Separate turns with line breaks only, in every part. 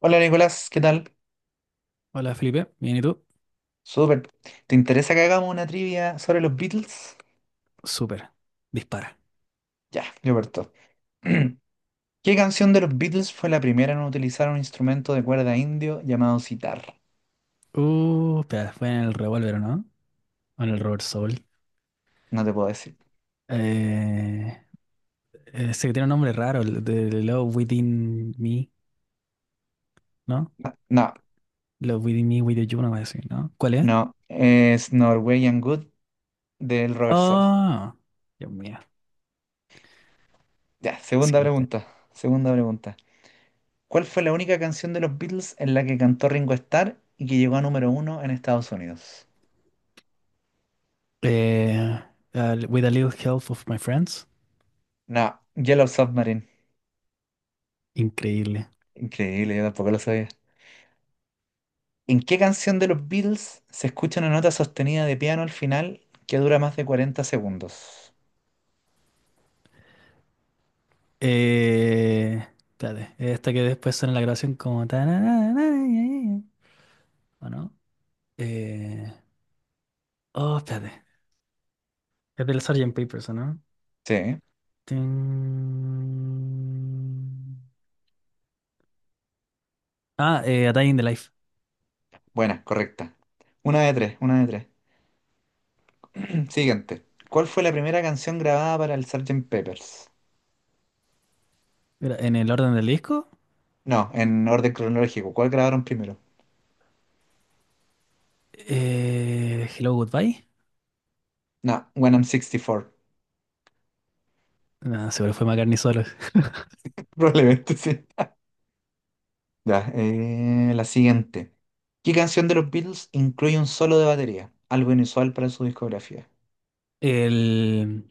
Hola Nicolás, ¿qué tal?
Hola Felipe, ¿bien y tú?
Súper. ¿Te interesa que hagamos una trivia sobre los Beatles?
Súper, dispara.
Ya, yo parto. ¿Qué canción de los Beatles fue la primera en utilizar un instrumento de cuerda indio llamado sitar?
Espera, fue en el revólver, ¿no? O en el Robert Soul.
No te puedo decir.
Eh, ese que tiene un nombre raro, el de Love Within Me, ¿no?
No, no,
Love Within Me, Within You, no voy a decir, ¿no? ¿Cuál es?
no. Es Norwegian Wood del Robert Sol.
Oh, Dios mío,
Ya,
lo
segunda
siento.
pregunta. Segunda pregunta. ¿Cuál fue la única canción de los Beatles en la que cantó Ringo Starr y que llegó a número uno en Estados Unidos?
Eh, with a little help of my friends.
No, Yellow Submarine.
Increíble.
Increíble, yo tampoco lo sabía. ¿En qué canción de los Beatles se escucha una nota sostenida de piano al final que dura más de 40 segundos?
Espérate, esta que después suena en la grabación como tararara, ¿o no? Eh, oh, espérate. Es del Sgt. Papers, ¿o no?
Sí,
Tin. A Day in the Life.
buena, correcta. Una de tres, una de tres. Siguiente. ¿Cuál fue la primera canción grabada para el Sgt. Peppers?
Era en el orden del disco.
No, en orden cronológico. ¿Cuál grabaron primero?
Hello, Goodbye.
No, When I'm 64.
No, seguro fue McCartney solo.
Probablemente sí. Ya, la siguiente. ¿Qué canción de los Beatles incluye un solo de batería? Algo inusual para su discografía.
El...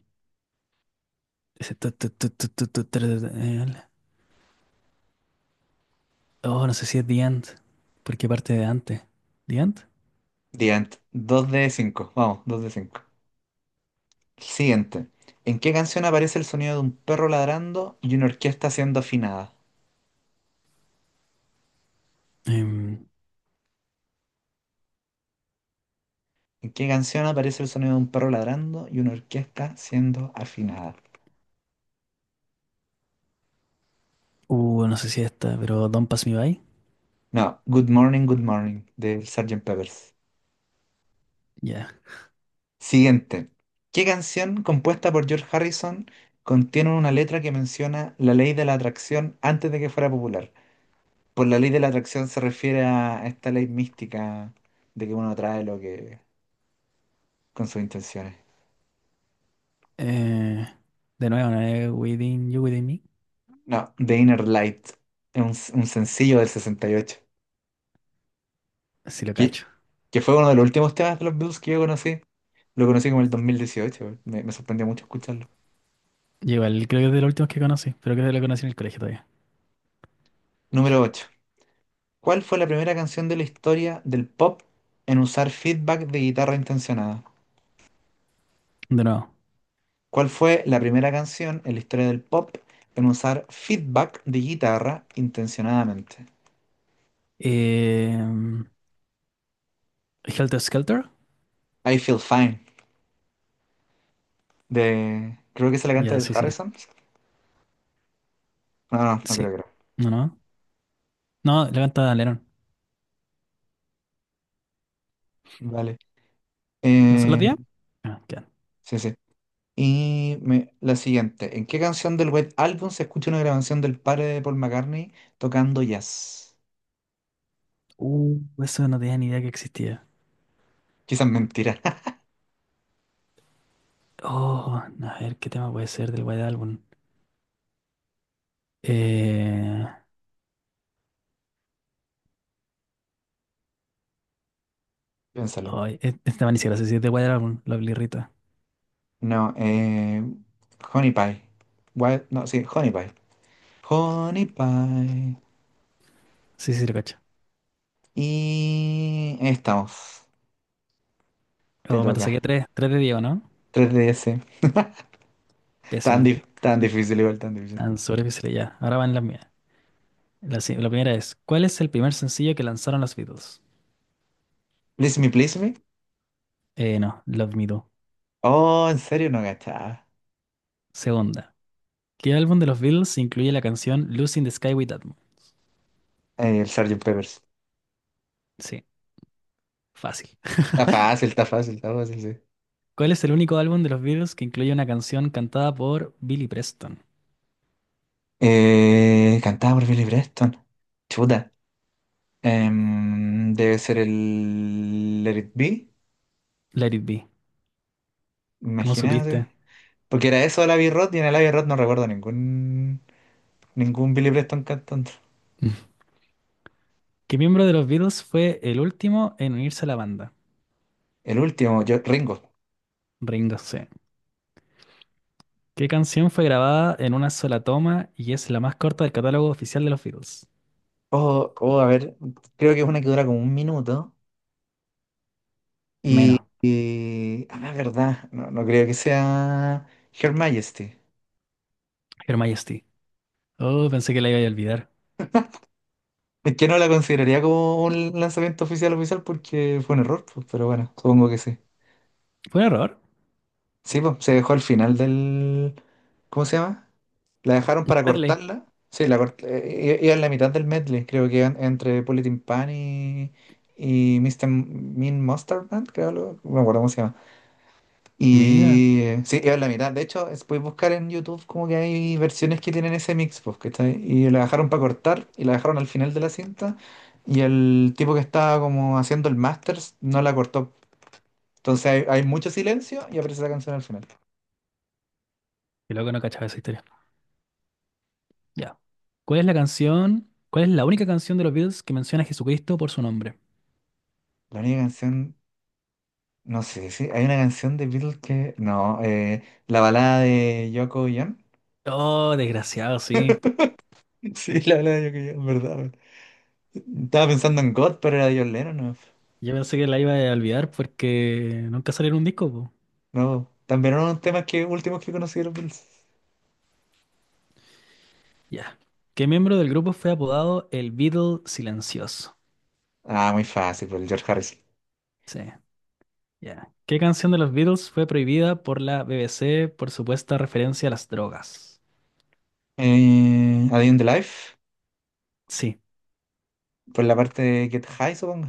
Ese tu, tu, tu, tu, tu, tu, tu, oh, no sé si es The End. ¿Por qué parte de antes? ¿The End?
The End. 2 de 5. Vamos, 2 de 5. Siguiente. ¿En qué canción aparece el sonido de un perro ladrando y una orquesta siendo afinada?
Em,
¿En qué canción aparece el sonido de un perro ladrando y una orquesta siendo afinada?
no sé si esta, pero Don't Pass Me By.
No, Good Morning, Good Morning, del Sgt. Peppers.
Ya.
Siguiente. ¿Qué canción compuesta por George Harrison contiene una letra que menciona la ley de la atracción antes de que fuera popular? Por la ley de la atracción se refiere a esta ley mística de que uno atrae lo que con sus intenciones.
Eh, de nuevo, ¿no es Within You, Within Me?
No, The Inner Light, es un sencillo del 68
Sí lo
que,
cacho.
que fue uno de los últimos temas de los Beatles que yo conocí. Lo conocí como el 2018, güey. Me sorprendió mucho escucharlo.
Yo igual creo que es de los últimos que conocí, pero creo que lo conocí en el colegio todavía.
Número ocho. ¿Cuál fue la primera canción de la historia del pop en usar feedback de guitarra intencionada?
De nuevo.
¿Cuál fue la primera canción en la historia del pop en usar feedback de guitarra intencionadamente?
Em, Helter Skelter.
I Feel Fine, de... Creo que se la canta
Ya,
el
sí, sí.
Harrison. No, no, no creo
Sí.
que era.
No, no. No, la canta Lennon.
Vale.
¿No se la
Eh,
tía? Ah, ya.
sí, sí. Y la siguiente, ¿en qué canción del White Album se escucha una grabación del padre de Paul McCartney tocando jazz?
Eso no tenía ni idea que existía.
Quizás mentira,
Oh, a ver, ¿qué tema puede ser del White Album? Eh,
piénsalo.
ay, este tema ni siquiera sé si es de White Album, la Blirrita.
No, Honey Pie. No, sí, Honey Pie. Honey Pie.
Sí, sí, lo cacho.
Y ahí estamos. Te
Oh, ¿cuánto
toca.
saqué? Tres. Tres de Diego, ¿no?
3DS.
Pésimo.
Tan difícil, igual tan difícil.
Tan sobre difíciles ya. Ahora van las mías. La, si- la primera es, ¿cuál es el primer sencillo que lanzaron los Beatles?
Please me, please me.
No, Love Me Do.
Oh, en serio, no gachaba.
Segunda. ¿Qué álbum de los Beatles incluye la canción Lucy in the Sky with That Moon?
El Sgt. Peppers.
Sí, fácil.
Está fácil, está fácil, está fácil, sí.
¿Cuál es el único álbum de los Beatles que incluye una canción cantada por Billy Preston?
Cantada por Billy Preston. Chuta. Debe ser el Let It Be,
Let It Be. ¿Cómo
imagínate.
supiste?
Porque era eso de Abbey Road y en el Abbey Road no recuerdo ningún Billy Preston cantando.
¿Qué miembro de los Beatles fue el último en unirse a la banda?
El último, yo, Ringo.
Ringo C. ¿Qué canción fue grabada en una sola toma y es la más corta del catálogo oficial de los Beatles?
Oh, oh, a ver, creo que es una que dura como un minuto.
Menos.
Ah, verdad, no creo que sea Her Majesty.
Her Majesty. Oh, pensé que la iba a olvidar.
Es que no la consideraría como un lanzamiento oficial oficial porque fue un error, pues, pero bueno, supongo que sí.
Fue un error.
Sí, pues, se dejó al final del... ¿Cómo se llama? La dejaron para
Medley.
cortarla. Sí, iba en la mitad del medley, creo que iban entre Politin Pan y Mister Mean Monster Band, creo, no me acuerdo cómo se llama.
Mira,
Y sí, iba en la mitad. De hecho, puedes buscar en YouTube como que hay versiones que tienen ese mix, pues, ¿cachai? Y la dejaron para cortar y la dejaron al final de la cinta. Y el tipo que estaba como haciendo el masters no la cortó. Entonces hay mucho silencio y aparece la canción al final.
qué loco no cachaba esa historia. Ya. ¿Cuál es la canción? ¿Cuál es la única canción de los Beatles que menciona a Jesucristo por su nombre?
La única canción. No sé sí hay una canción de Beatles que. No, la balada de Yoko y John.
Oh, desgraciado, sí.
Sí, la balada de Yoko y John, verdad. Verdad. Estaba pensando en God, pero era de John Lennon. No,
Yo pensé que la iba a olvidar porque nunca salió en un disco, po.
no, también eran unos temas últimos que conocí de los Beatles.
Ya. ¿Qué miembro del grupo fue apodado el Beatle Silencioso?
Ah, muy fácil, por el George Harrison.
Sí, ya. ¿Qué canción de los Beatles fue prohibida por la BBC por supuesta referencia a las drogas?
A Day in the Life,
Sí.
por la parte de Get High, supongo.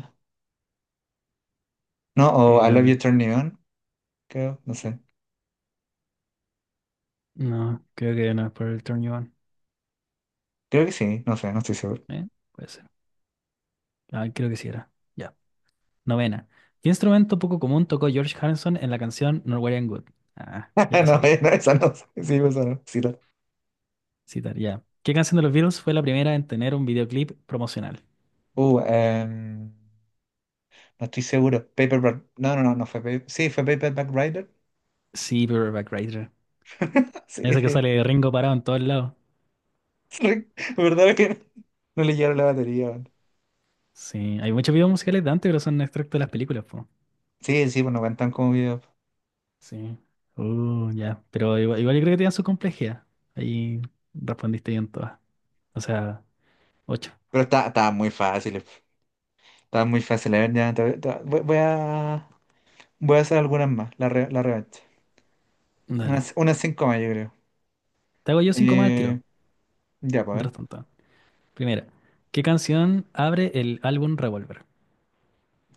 No, o I Love
Eh,
You Turn Me On, creo, no sé.
no, creo que no es por el Turn You On.
Creo que sí, no sé, no estoy seguro.
¿Eh? Puede ser. Ah, creo que sí era. Ya. Novena. ¿Qué instrumento poco común tocó George Harrison en la canción Norwegian Wood? Ah,
No,
ya la sabí.
no, esa no, sí, no.
Citar, ya. ¿Qué canción de los Beatles fue la primera en tener un videoclip promocional?
Uh, em, No estoy seguro. Paperback. No, no, no, no fue Sí, fue Paperback rider.
Sí, Paperback Writer.
Sí,
Ese que
sí.
sale Ringo parado en todos lados.
Re- ¿Verdad que no le llevaron la batería? Weón.
Sí, hay muchos videos musicales de antes, pero son extractos de las películas, po.
Sí, sí, pues no cuentan como videos.
Sí. Ya. Pero igual, igual yo creo que tenían su complejidad. Ahí respondiste bien todas. O sea, ocho.
Pero estaba muy fácil. Estaba muy fácil. A ver, ya, voy a hacer algunas más. La revancha.
Dale.
Unas cinco más, yo creo.
Te hago yo cinco más al
Eh,
tiro.
ya, pues a
Mientras
ver.
tanto. Primera. ¿Qué canción abre el álbum Revolver?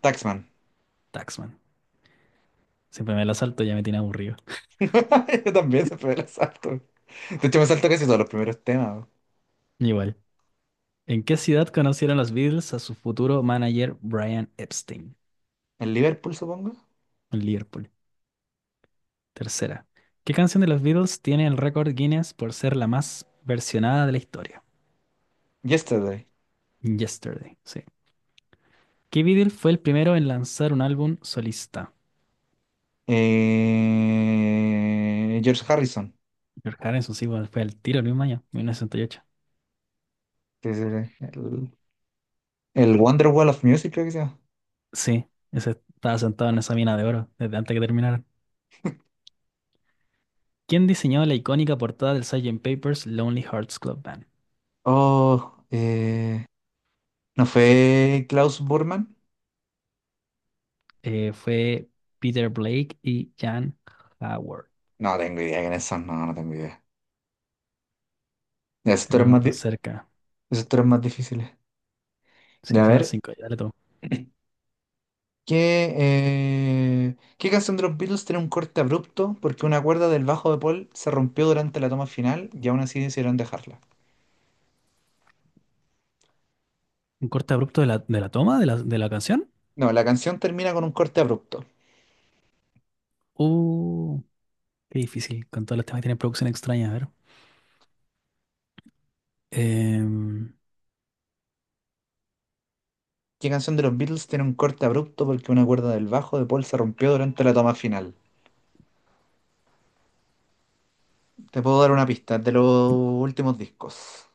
Taxman.
Taxman. Siempre me la salto, ya me tiene aburrido.
Yo también se fue el asalto. De hecho, me salto casi todos los primeros temas. Weón.
Igual. ¿En qué ciudad conocieron los Beatles a su futuro manager Brian Epstein?
El Liverpool, supongo.
En Liverpool. Tercera. ¿Qué canción de los Beatles tiene el récord Guinness por ser la más versionada de la historia?
Yesterday.
Yesterday, sí. ¿Qué Beatle fue el primero en lanzar un álbum solista?
George Harrison.
George Harrison, sí, bueno, fue el tiro el mismo año, 1968.
Sí, sí, sí. El Wonder Wall of Music, creo que se llama.
Sí, ese estaba sentado en esa mina de oro desde antes que terminaran. ¿Quién diseñó la icónica portada del Sgt. Pepper's Lonely Hearts Club Band?
Oh, ¿no fue Klaus Burman?
Fue Peter Blake y Jan Howard,
No tengo idea quiénes son, no tengo idea. Ya,
pero cerca.
esos tres más difíciles. De
Sí,
A
esas eran
ver,
cinco, ya le tomo.
¿qué canción de los Beatles tiene un corte abrupto porque una cuerda del bajo de Paul se rompió durante la toma final y aún así decidieron dejarla?
Un corte abrupto de la toma de la canción.
No, la canción termina con un corte abrupto.
Uh, qué difícil, con todos los temas que tienen producción extraña, a ver. Em,
¿Qué canción de los Beatles tiene un corte abrupto porque una cuerda del bajo de Paul se rompió durante la toma final? Te puedo dar una pista de los últimos discos.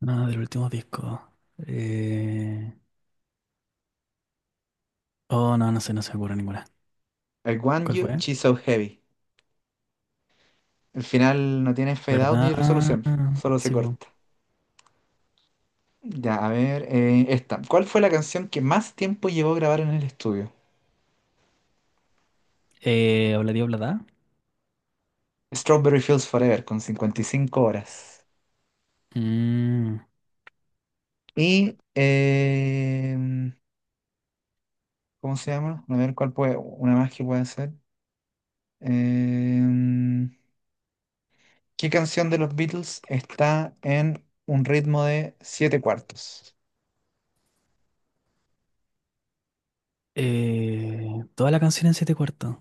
no, del último disco. Eh, oh, no, no sé, no se me ocurre ninguna.
I Want
¿Cuál
You,
fue?
She's So Heavy. El final no tiene fade out ni
¿Verdad?
resolución, solo se
Sí, po.
corta. Ya, a ver, esta. ¿Cuál fue la canción que más tiempo llevó a grabar en el estudio?
Obladí Oblada.
Strawberry Fields Forever, con 55 horas.
Mm,
Y, ¿cómo se llama? A ver, ¿cuál puede, una más que puede ser? Eh, ¿Qué canción de los Beatles está en un ritmo de 7 cuartos?
eh, toda la canción en siete cuartos.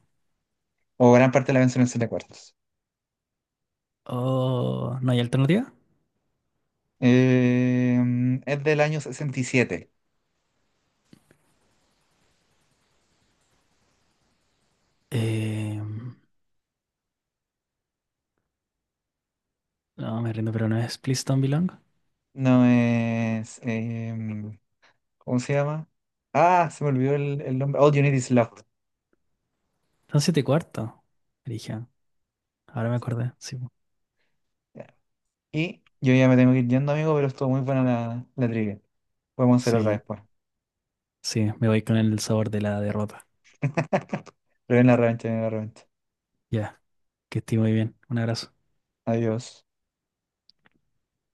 O gran parte de la canción en 7 cuartos.
Oh, ¿no hay alternativa?
Es del año sesenta y siete.
Eh, no, me rindo, pero no es Please Don't Belong.
No es. ¿Cómo se llama? Ah, se me olvidó el nombre. All You Need Is Love.
Son siete y cuarto. Dije, ahora me
Sí,
acordé. Sí, po.
ya. Y yo ya me tengo que ir yendo, amigo, pero estuvo muy buena la trivia. Podemos hacer otra
Sí,
después.
sí, me voy con el sabor de la derrota.
Pero en la revancha, en la revancha.
Ya, que esté muy bien. Un abrazo.
Adiós.